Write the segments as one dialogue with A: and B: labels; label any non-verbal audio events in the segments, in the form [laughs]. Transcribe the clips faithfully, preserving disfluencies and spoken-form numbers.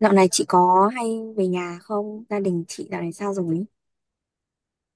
A: Dạo này chị có hay về nhà không? Gia đình chị dạo này sao rồi?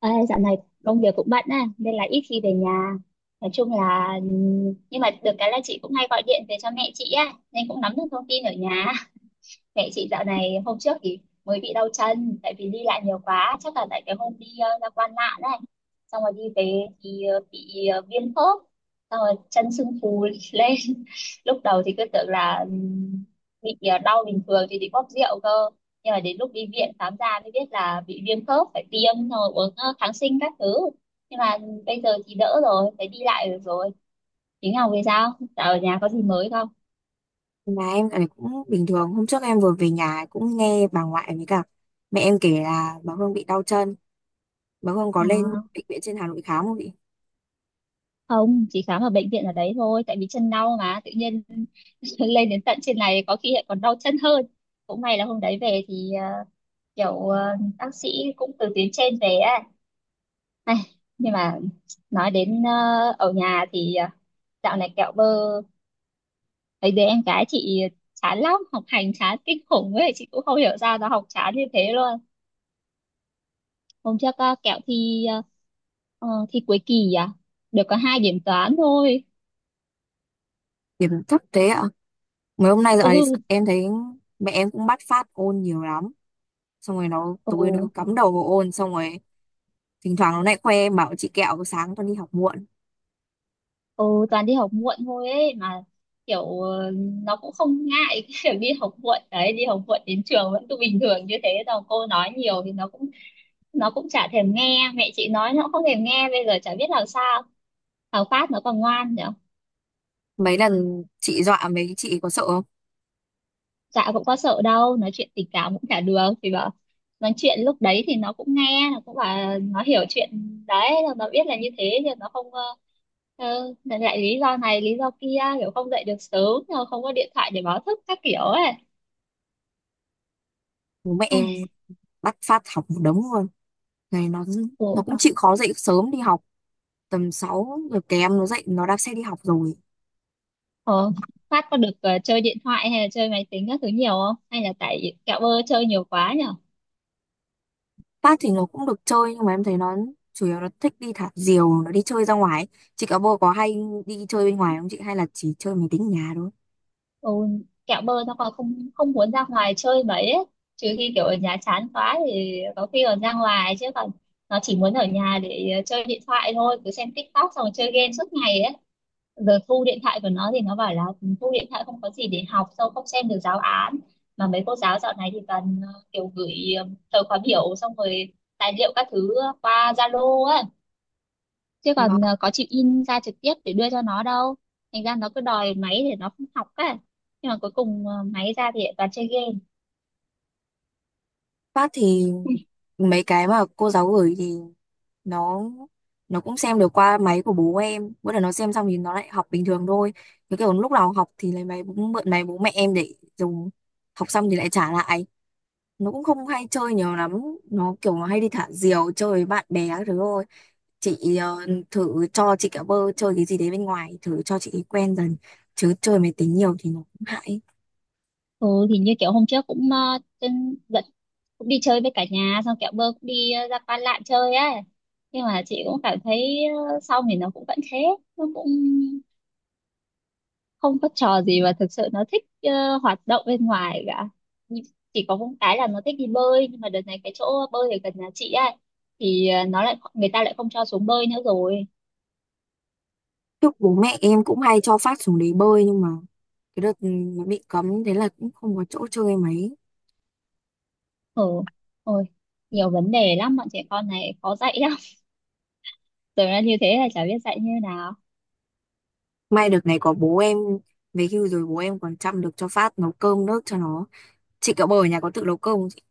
B: Ê, dạo này công việc cũng bận á nên là ít khi về nhà, nói chung là, nhưng mà được cái là chị cũng hay gọi điện về cho mẹ chị á nên cũng nắm được thông tin ở nhà. Mẹ chị dạo này hôm trước thì mới bị đau chân tại vì đi lại nhiều quá, chắc là tại cái hôm đi ờ, ra Quan Lạn này, xong rồi đi về thì ờ, bị ờ, viêm khớp, xong rồi chân sưng phù [laughs] lên. Lúc đầu thì cứ tưởng là ừm, bị ờ, đau bình thường thì bị bóp rượu cơ, nhưng mà đến lúc đi viện khám ra mới biết là bị viêm khớp, phải tiêm xong rồi uống ờ, kháng sinh các thứ. Nhưng mà bây giờ thì đỡ rồi, phải đi lại được rồi. Tiếng Ngọc về sao, dạo ở nhà có gì mới không?
A: Nhà em dạo này cũng bình thường. Hôm trước em vừa về nhà cũng nghe bà ngoại với cả mẹ em kể là bà Hương bị đau chân. Bà Hương có lên
B: À.
A: bệnh viện trên Hà Nội khám không chị?
B: Không, chỉ khám ở bệnh viện ở đấy thôi, tại vì chân đau mà tự nhiên [laughs] lên đến tận trên này có khi lại còn đau chân hơn. Cũng may là hôm đấy về thì ờ, kiểu ờ, bác sĩ cũng từ tuyến trên về á. Ai, nhưng mà nói đến ờ, ở nhà thì ờ, dạo này kẹo bơ thấy đứa em gái chị chán lắm, học hành chán kinh khủng ấy, chị cũng không hiểu sao nó học chán như thế luôn. Hôm trước ờ, kẹo thi ờ, ờ, thi cuối kỳ à, được có hai điểm toán thôi.
A: Điểm thấp thế ạ. Mấy hôm nay dạo
B: Ừ.
A: này em thấy mẹ em cũng bắt phát ôn nhiều lắm. Xong rồi nó
B: Ừ.
A: tối nó cứ cắm đầu vào ôn. Xong rồi thỉnh thoảng nó lại khoe em bảo chị kẹo sáng con đi học muộn.
B: Ừ, toàn đi học muộn thôi ấy mà, kiểu ờ, nó cũng không ngại [laughs] cái việc đi học muộn đấy, đi học muộn đến trường vẫn cứ bình thường như thế đâu, cô nói nhiều thì nó cũng nó cũng chả thèm nghe, mẹ chị nói nó cũng không thèm nghe, bây giờ chả biết làm sao. Thằng Phát nó còn ngoan nhở.
A: Mấy lần chị dọa mấy chị có sợ không?
B: Dạ cũng có sợ đâu, nói chuyện tình cảm cũng chả được thì bảo, nói chuyện lúc đấy thì nó cũng nghe, nó cũng bảo nó hiểu chuyện đấy rồi, nó biết là như thế nhưng nó không ờ, Ừ, lại lý do này lý do kia, kiểu không dậy được sớm rồi không có điện thoại để báo thức các kiểu ấy.
A: Bố mẹ em
B: Ai,
A: bắt phát học một đống luôn. Này nó nó
B: Ủa,
A: cũng chịu khó dậy sớm đi học, tầm sáu giờ kém nó dậy nó đạp xe đi học rồi.
B: ờ, Phát có được ờ, chơi điện thoại hay là chơi máy tính các thứ nhiều không? Hay là tại kẹo bơ chơi nhiều quá nhở?
A: Tát thì nó cũng được chơi nhưng mà em thấy nó chủ yếu nó thích đi thả diều, nó đi chơi ra ngoài ấy. Chị cả bồ có hay đi chơi bên ngoài không chị, hay là chỉ chơi máy tính ở nhà thôi?
B: Ừ, kẹo bơ nó còn không không muốn ra ngoài chơi mấy ấy. Trừ khi kiểu ở nhà chán quá thì có khi còn ra ngoài, chứ còn nó chỉ muốn ở nhà để ờ, chơi điện thoại thôi, cứ xem TikTok xong rồi chơi game suốt ngày ấy. Rồi thu điện thoại của nó thì nó bảo là thu điện thoại không có gì để học, sao không xem được giáo án, mà mấy cô giáo dạo này thì toàn ờ, kiểu gửi ờ, thời khóa biểu xong rồi tài liệu các thứ qua Zalo á, chứ
A: Vâng.
B: còn ờ, có chịu in ra trực tiếp để đưa cho nó đâu. Thành ra nó cứ đòi máy để nó không học á, nhưng mà cuối cùng ờ, máy ra thì lại toàn chơi game.
A: Phát thì mấy cái mà cô giáo gửi thì nó nó cũng xem được qua máy của bố em, bữa nào nó xem xong thì nó lại học bình thường thôi, cái kiểu lúc nào học thì lấy máy bố, mượn máy bố mẹ em để dùng, học xong thì lại trả lại. Nó cũng không hay chơi nhiều lắm, nó kiểu nó hay đi thả diều chơi với bạn bè các thứ thôi. Chị ờ, thử cho chị cả bơ chơi cái gì đấy bên ngoài, thử cho chị quen dần, chứ chơi máy tính nhiều thì nó cũng hại.
B: Ừ thì như kiểu hôm trước cũng uh, trên dẫn cũng đi chơi với cả nhà, xong kẹo bơ cũng đi ờ, ra Pan Lạn chơi á, nhưng mà chị cũng cảm thấy ờ, xong thì nó cũng vẫn thế, nó cũng không có trò gì mà thực sự nó thích ờ, hoạt động bên ngoài cả. Nh- chỉ có một cái là nó thích đi bơi, nhưng mà đợt này cái chỗ bơi ở gần nhà chị á thì ờ, nó lại người ta lại không cho xuống bơi nữa rồi.
A: Trước bố mẹ em cũng hay cho phát xuống đấy bơi nhưng mà cái đợt ừ, nó bị cấm thế là cũng không có chỗ chơi mấy.
B: Ừ. Ôi, nhiều vấn đề lắm, bọn trẻ con này khó dạy lắm. [laughs] Tưởng là như thế là chả biết dạy như nào.
A: May đợt này có bố em về hưu rồi, bố em còn chăm được cho phát, nấu cơm nước cho nó. Chị cả bơ ở nhà có tự nấu cơm không chị?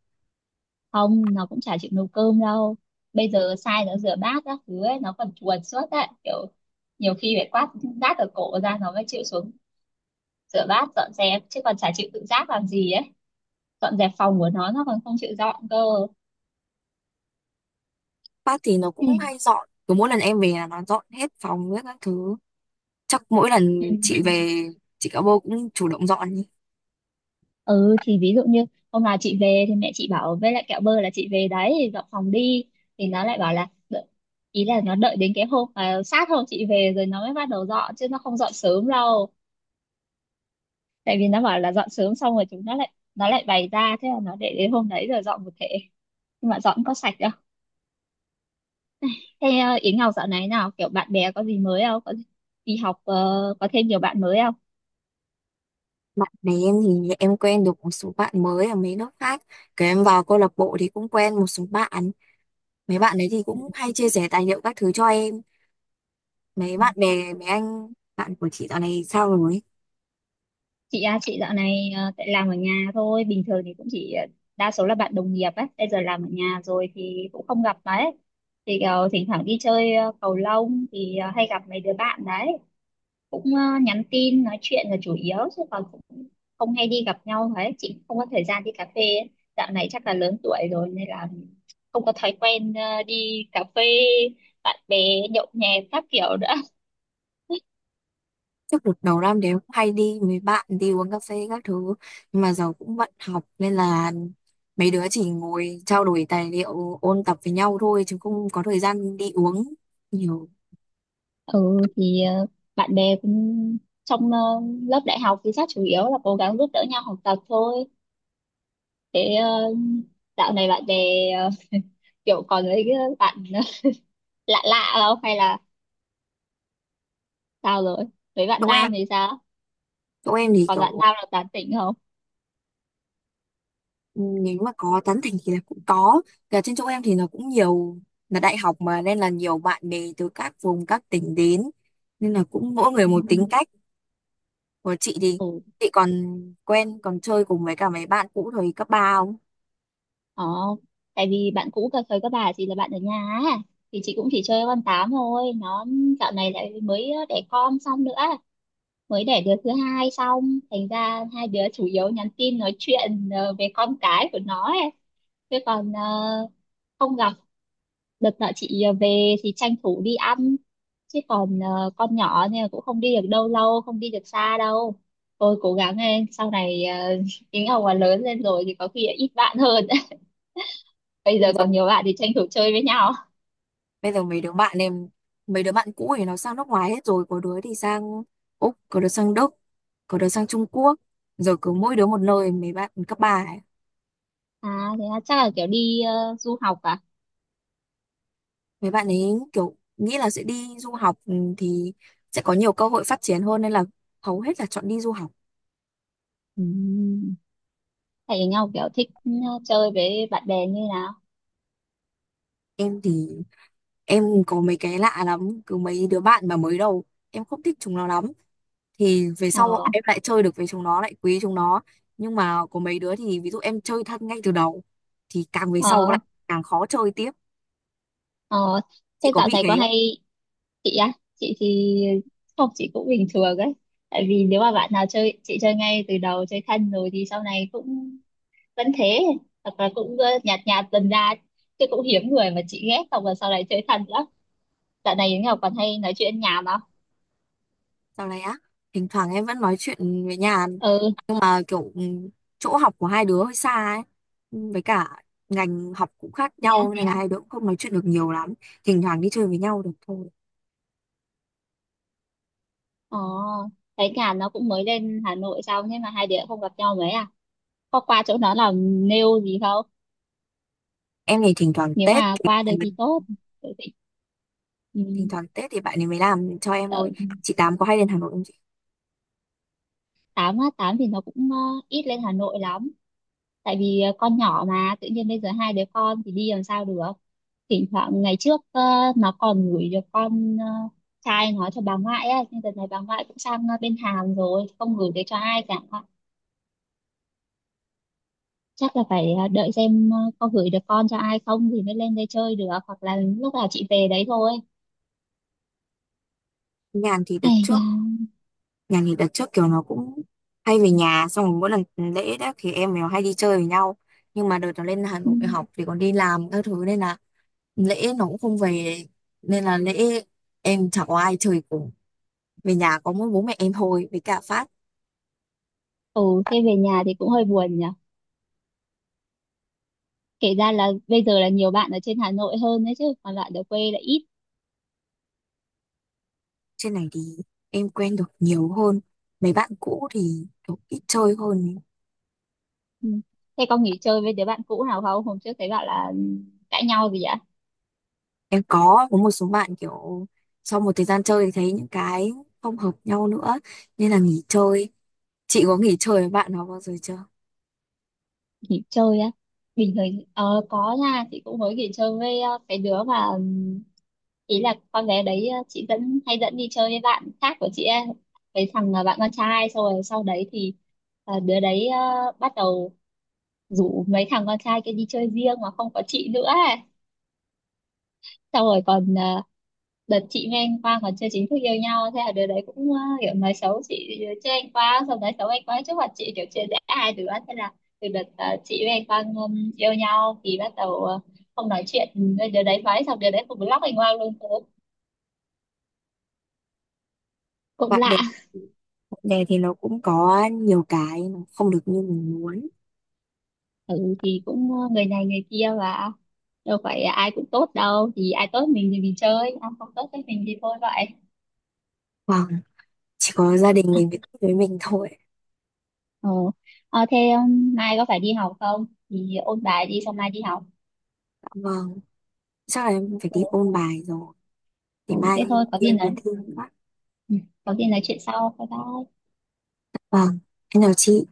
B: Không, nó cũng chả chịu nấu cơm đâu, bây giờ sai nó rửa bát các thứ ấy, nó còn chuồn suốt đấy, kiểu nhiều khi phải quát rát ở cổ ra nó mới chịu xuống rửa bát dọn dẹp, chứ còn chả chịu tự giác làm gì ấy. Dọn dẹp phòng của nó nó còn không chịu dọn cơ.
A: Phát thì nó cũng hay
B: [laughs]
A: dọn, cứ mỗi lần em về là nó dọn hết phòng hết các thứ. Chắc mỗi
B: Ừ.
A: lần chị về, chị cả bô cũng chủ động dọn ý.
B: Ừ, thì ví dụ như hôm nào chị về thì mẹ chị bảo với lại kẹo bơ là chị về đấy dọn phòng đi, thì nó lại bảo là đợi- ý là nó đợi đến cái hôm mà sát hôm chị về rồi nó mới bắt đầu dọn, chứ nó không dọn sớm đâu. Tại vì nó bảo là dọn sớm xong rồi chúng nó lại nó lại bày ra, thế là nó để đến hôm đấy rồi dọn một thể. Nhưng mà dọn có sạch đâu. Thế ờ, Yến Ngọc dạo này nào kiểu bạn bè có gì mới không, có đi học ờ, có thêm nhiều bạn mới không?
A: Bạn bè em thì em quen được một số bạn mới ở mấy nước khác, cái em vào câu lạc bộ thì cũng quen một số bạn, mấy bạn đấy thì cũng hay chia sẻ tài liệu các thứ cho em. Mấy
B: Ừ.
A: bạn bè mấy anh bạn của chị dạo này sao rồi?
B: Chị à, chị dạo này ờ, tại làm ở nhà thôi, bình thường thì cũng chỉ ờ, đa số là bạn đồng nghiệp ấy, bây giờ làm ở nhà rồi thì cũng không gặp đấy, thì ờ, thỉnh thoảng đi chơi ờ, cầu lông thì ờ, hay gặp mấy đứa bạn đấy, cũng ờ, nhắn tin nói chuyện là chủ yếu, chứ còn cũng không hay đi gặp nhau đấy, chị cũng không có thời gian đi cà phê ấy. Dạo này chắc là lớn tuổi rồi nên là không có thói quen ờ, đi cà phê, bạn bè nhậu nhẹt các kiểu nữa. [laughs]
A: Trước đợt đầu năm thì em cũng hay đi mấy bạn đi uống cà phê các thứ, nhưng mà giờ cũng bận học nên là mấy đứa chỉ ngồi trao đổi tài liệu ôn tập với nhau thôi, chứ không có thời gian đi uống nhiều.
B: Ừ thì ờ, bạn bè cũng trong ờ, lớp đại học thì chắc chủ yếu là cố gắng giúp đỡ nhau học tập thôi. Thế ờ, dạo này bạn bè ờ, kiểu còn với cái bạn [laughs] lạ lạ không, hay là sao rồi, với bạn
A: chỗ em
B: nam thì sao,
A: chỗ em thì
B: còn bạn
A: kiểu,
B: nam là tán tỉnh không?
A: ừ, nếu mà có tán thành thì là cũng có. Cả trên chỗ em thì nó cũng nhiều, là đại học mà nên là nhiều bạn bè từ các vùng các tỉnh đến nên là cũng mỗi người
B: Ừ.
A: một tính cách. Của chị thì
B: Ừ.
A: chị còn quen còn chơi cùng với cả mấy bạn cũ thời cấp ba không?
B: Ờ, tại vì bạn cũ cà phê các bà chỉ là bạn ở nhà á. Thì chị cũng chỉ chơi con tám thôi, nó dạo này lại mới đẻ con xong nữa, mới đẻ đứa thứ hai xong, thành ra hai đứa chủ yếu nhắn tin nói chuyện ờ, về con cái của nó ấy. Chứ còn ờ, không gặp. Đợt nọ chị ờ, về thì tranh thủ đi ăn, chứ còn ờ, con nhỏ nên là cũng không đi được đâu lâu, không đi được xa đâu. Tôi cố gắng lên sau này ờ, [laughs] tính ông mà lớn lên rồi thì có khi ít bạn hơn [laughs] bây giờ còn
A: Rồi
B: nhiều bạn thì tranh thủ chơi với nhau.
A: bây giờ mấy đứa bạn em mấy đứa bạn cũ thì nó sang nước ngoài hết rồi, có đứa thì sang Úc, có đứa sang Đức, có đứa sang Trung Quốc, rồi cứ mỗi đứa một nơi, mấy bạn cấp ba.
B: À, thế là chắc là kiểu đi ờ, du học à?
A: Mấy bạn ấy kiểu nghĩ là sẽ đi du học, ừ, thì sẽ có nhiều cơ hội phát triển hơn nên là hầu hết là chọn đi du học.
B: Ừ. Thầy nhau kiểu thích ờ, chơi với bạn bè như nào?
A: Em thì em có mấy cái lạ lắm, cứ mấy đứa bạn mà mới đầu em không thích chúng nó lắm thì về sau
B: Ờ.
A: em lại chơi được với chúng nó, lại quý chúng nó. Nhưng mà có mấy đứa thì ví dụ em chơi thân ngay từ đầu thì càng về sau lại
B: Ờ.
A: càng khó chơi tiếp.
B: Ờ
A: Chị
B: thế
A: có
B: dạo
A: bị
B: này
A: thế
B: có
A: không?
B: hay, chị thì không, chị cũng bình thường ấy, tại vì nếu mà bạn nào chơi chị chơi ngay từ đầu chơi thân rồi thì sau này cũng vẫn thế, hoặc là cũng ờ, nhạt nhạt dần ra, chứ cũng hiếm người mà chị ghét không là sau này chơi thân lắm. Dạo này Yến Ngọc còn hay nói chuyện nhảm không?
A: Sau này á, thỉnh thoảng em vẫn nói chuyện với nhà
B: Ừ.
A: mà kiểu ừ, chỗ học của hai đứa hơi xa ấy, Ừ, với cả ngành học cũng khác
B: Thế à?
A: nhau nên là hai đứa cũng không nói chuyện được nhiều lắm, thỉnh thoảng đi chơi với nhau được thôi.
B: Ồ, thấy nhà nó cũng mới lên Hà Nội xong, thế mà hai đứa không gặp nhau mấy à? Có qua chỗ nó làm nail gì không?
A: Em thì thỉnh thoảng
B: Nếu
A: Tết
B: mà
A: thì
B: qua được
A: bạn
B: thì
A: ấy-
B: tốt. Tại vì
A: Thỉnh
B: um,
A: thoảng Tết thì bạn ấy mới làm cho em
B: ở
A: thôi. Chị Tám có hay lên Hà Nội không chị?
B: á, tám thì nó cũng ờ, ít lên Hà Nội lắm. Tại vì ờ, con nhỏ mà tự nhiên bây giờ hai đứa con thì đi làm sao được. Thỉnh thoảng ngày trước ờ, nó còn gửi được con ờ, trai nó cho bà ngoại á, nhưng đợt này bà ngoại cũng sang ờ, bên Hàn rồi, không gửi được cho ai cả. Chắc là phải à, đợi xem à, có gửi được con cho ai không thì mới lên đây chơi được, hoặc là lúc nào chị về đấy thôi.
A: Nhàn thì đợt
B: Hay là.
A: trước Nhàn thì đợt trước kiểu nó cũng hay về nhà, xong rồi mỗi lần lễ đó thì em nó hay đi chơi với nhau, nhưng mà đợt nó lên Hà
B: Ừ.
A: Nội học thì còn đi làm các thứ nên là lễ nó cũng không về, nên là lễ em chả có ai chơi cùng. Về nhà có mỗi bố mẹ em thôi với cả Phát.
B: Ừ, thế về nhà thì cũng hơi buồn nhỉ, kể ra là bây giờ là nhiều bạn ở trên Hà Nội hơn đấy, chứ còn bạn ở quê là ít.
A: Trên này thì em quen được nhiều hơn. Mấy bạn cũ thì kiểu ít chơi hơn.
B: Ừ. Thế con nghỉ chơi với đứa bạn cũ nào không, hôm trước thấy bạn là cãi nhau gì ạ?
A: Em có có một số bạn kiểu sau một thời gian chơi thì thấy những cái không hợp nhau nữa nên là nghỉ chơi. Chị có nghỉ chơi với bạn nào bao giờ chưa?
B: Nghỉ chơi á, bình thường ờ, có nha, chị cũng mới nghỉ chơi với ờ, cái đứa mà ừm, ý là con bé đấy ờ, chị dẫn hay dẫn đi chơi với bạn khác của chị ấy, cái thằng ờ, bạn con trai, xong rồi sau đấy thì ờ, đứa đấy ờ, bắt đầu rủ mấy thằng con trai kia đi chơi riêng mà không có chị nữa ấy. Xong rồi còn ờ, đợt chị với anh Quang còn chưa chính thức yêu nhau, thế là đứa đấy cũng ờ, kiểu nói xấu chị chứ anh Quang, xong nói xấu anh Quang trước mặt chị kiểu chia rẽ hai đứa. Thế là từ đợt ờ, chị với anh Quang ừm, yêu nhau thì bắt đầu ờ, không nói chuyện. Ừ, đứa đấy nói xong đứa đấy cũng block anh Quang luôn, cũng cũng
A: Bạn bè
B: lạ.
A: bạn bè thì nó cũng có nhiều cái nó không được như mình muốn.
B: Ừ, thì cũng ờ, người này người kia, và đâu phải ai cũng tốt đâu, thì ai tốt mình thì mình chơi, ai không tốt với mình thì thôi vậy.
A: Vâng, chỉ có gia đình mình với
B: [laughs]
A: với mình thôi.
B: Ờ, ờ thế um, mai có phải đi học không thì ôn bài đi, xong mai đi học.
A: Vâng, chắc là em phải
B: Ừ,
A: đi ôn bài rồi.
B: ừ,
A: Để mai
B: thế
A: kia em
B: thôi có gì
A: kia còn
B: nói.
A: thi nữa.
B: Ừ. Có gì nói chuyện sau. Bye bye.
A: Vâng, em chào chị.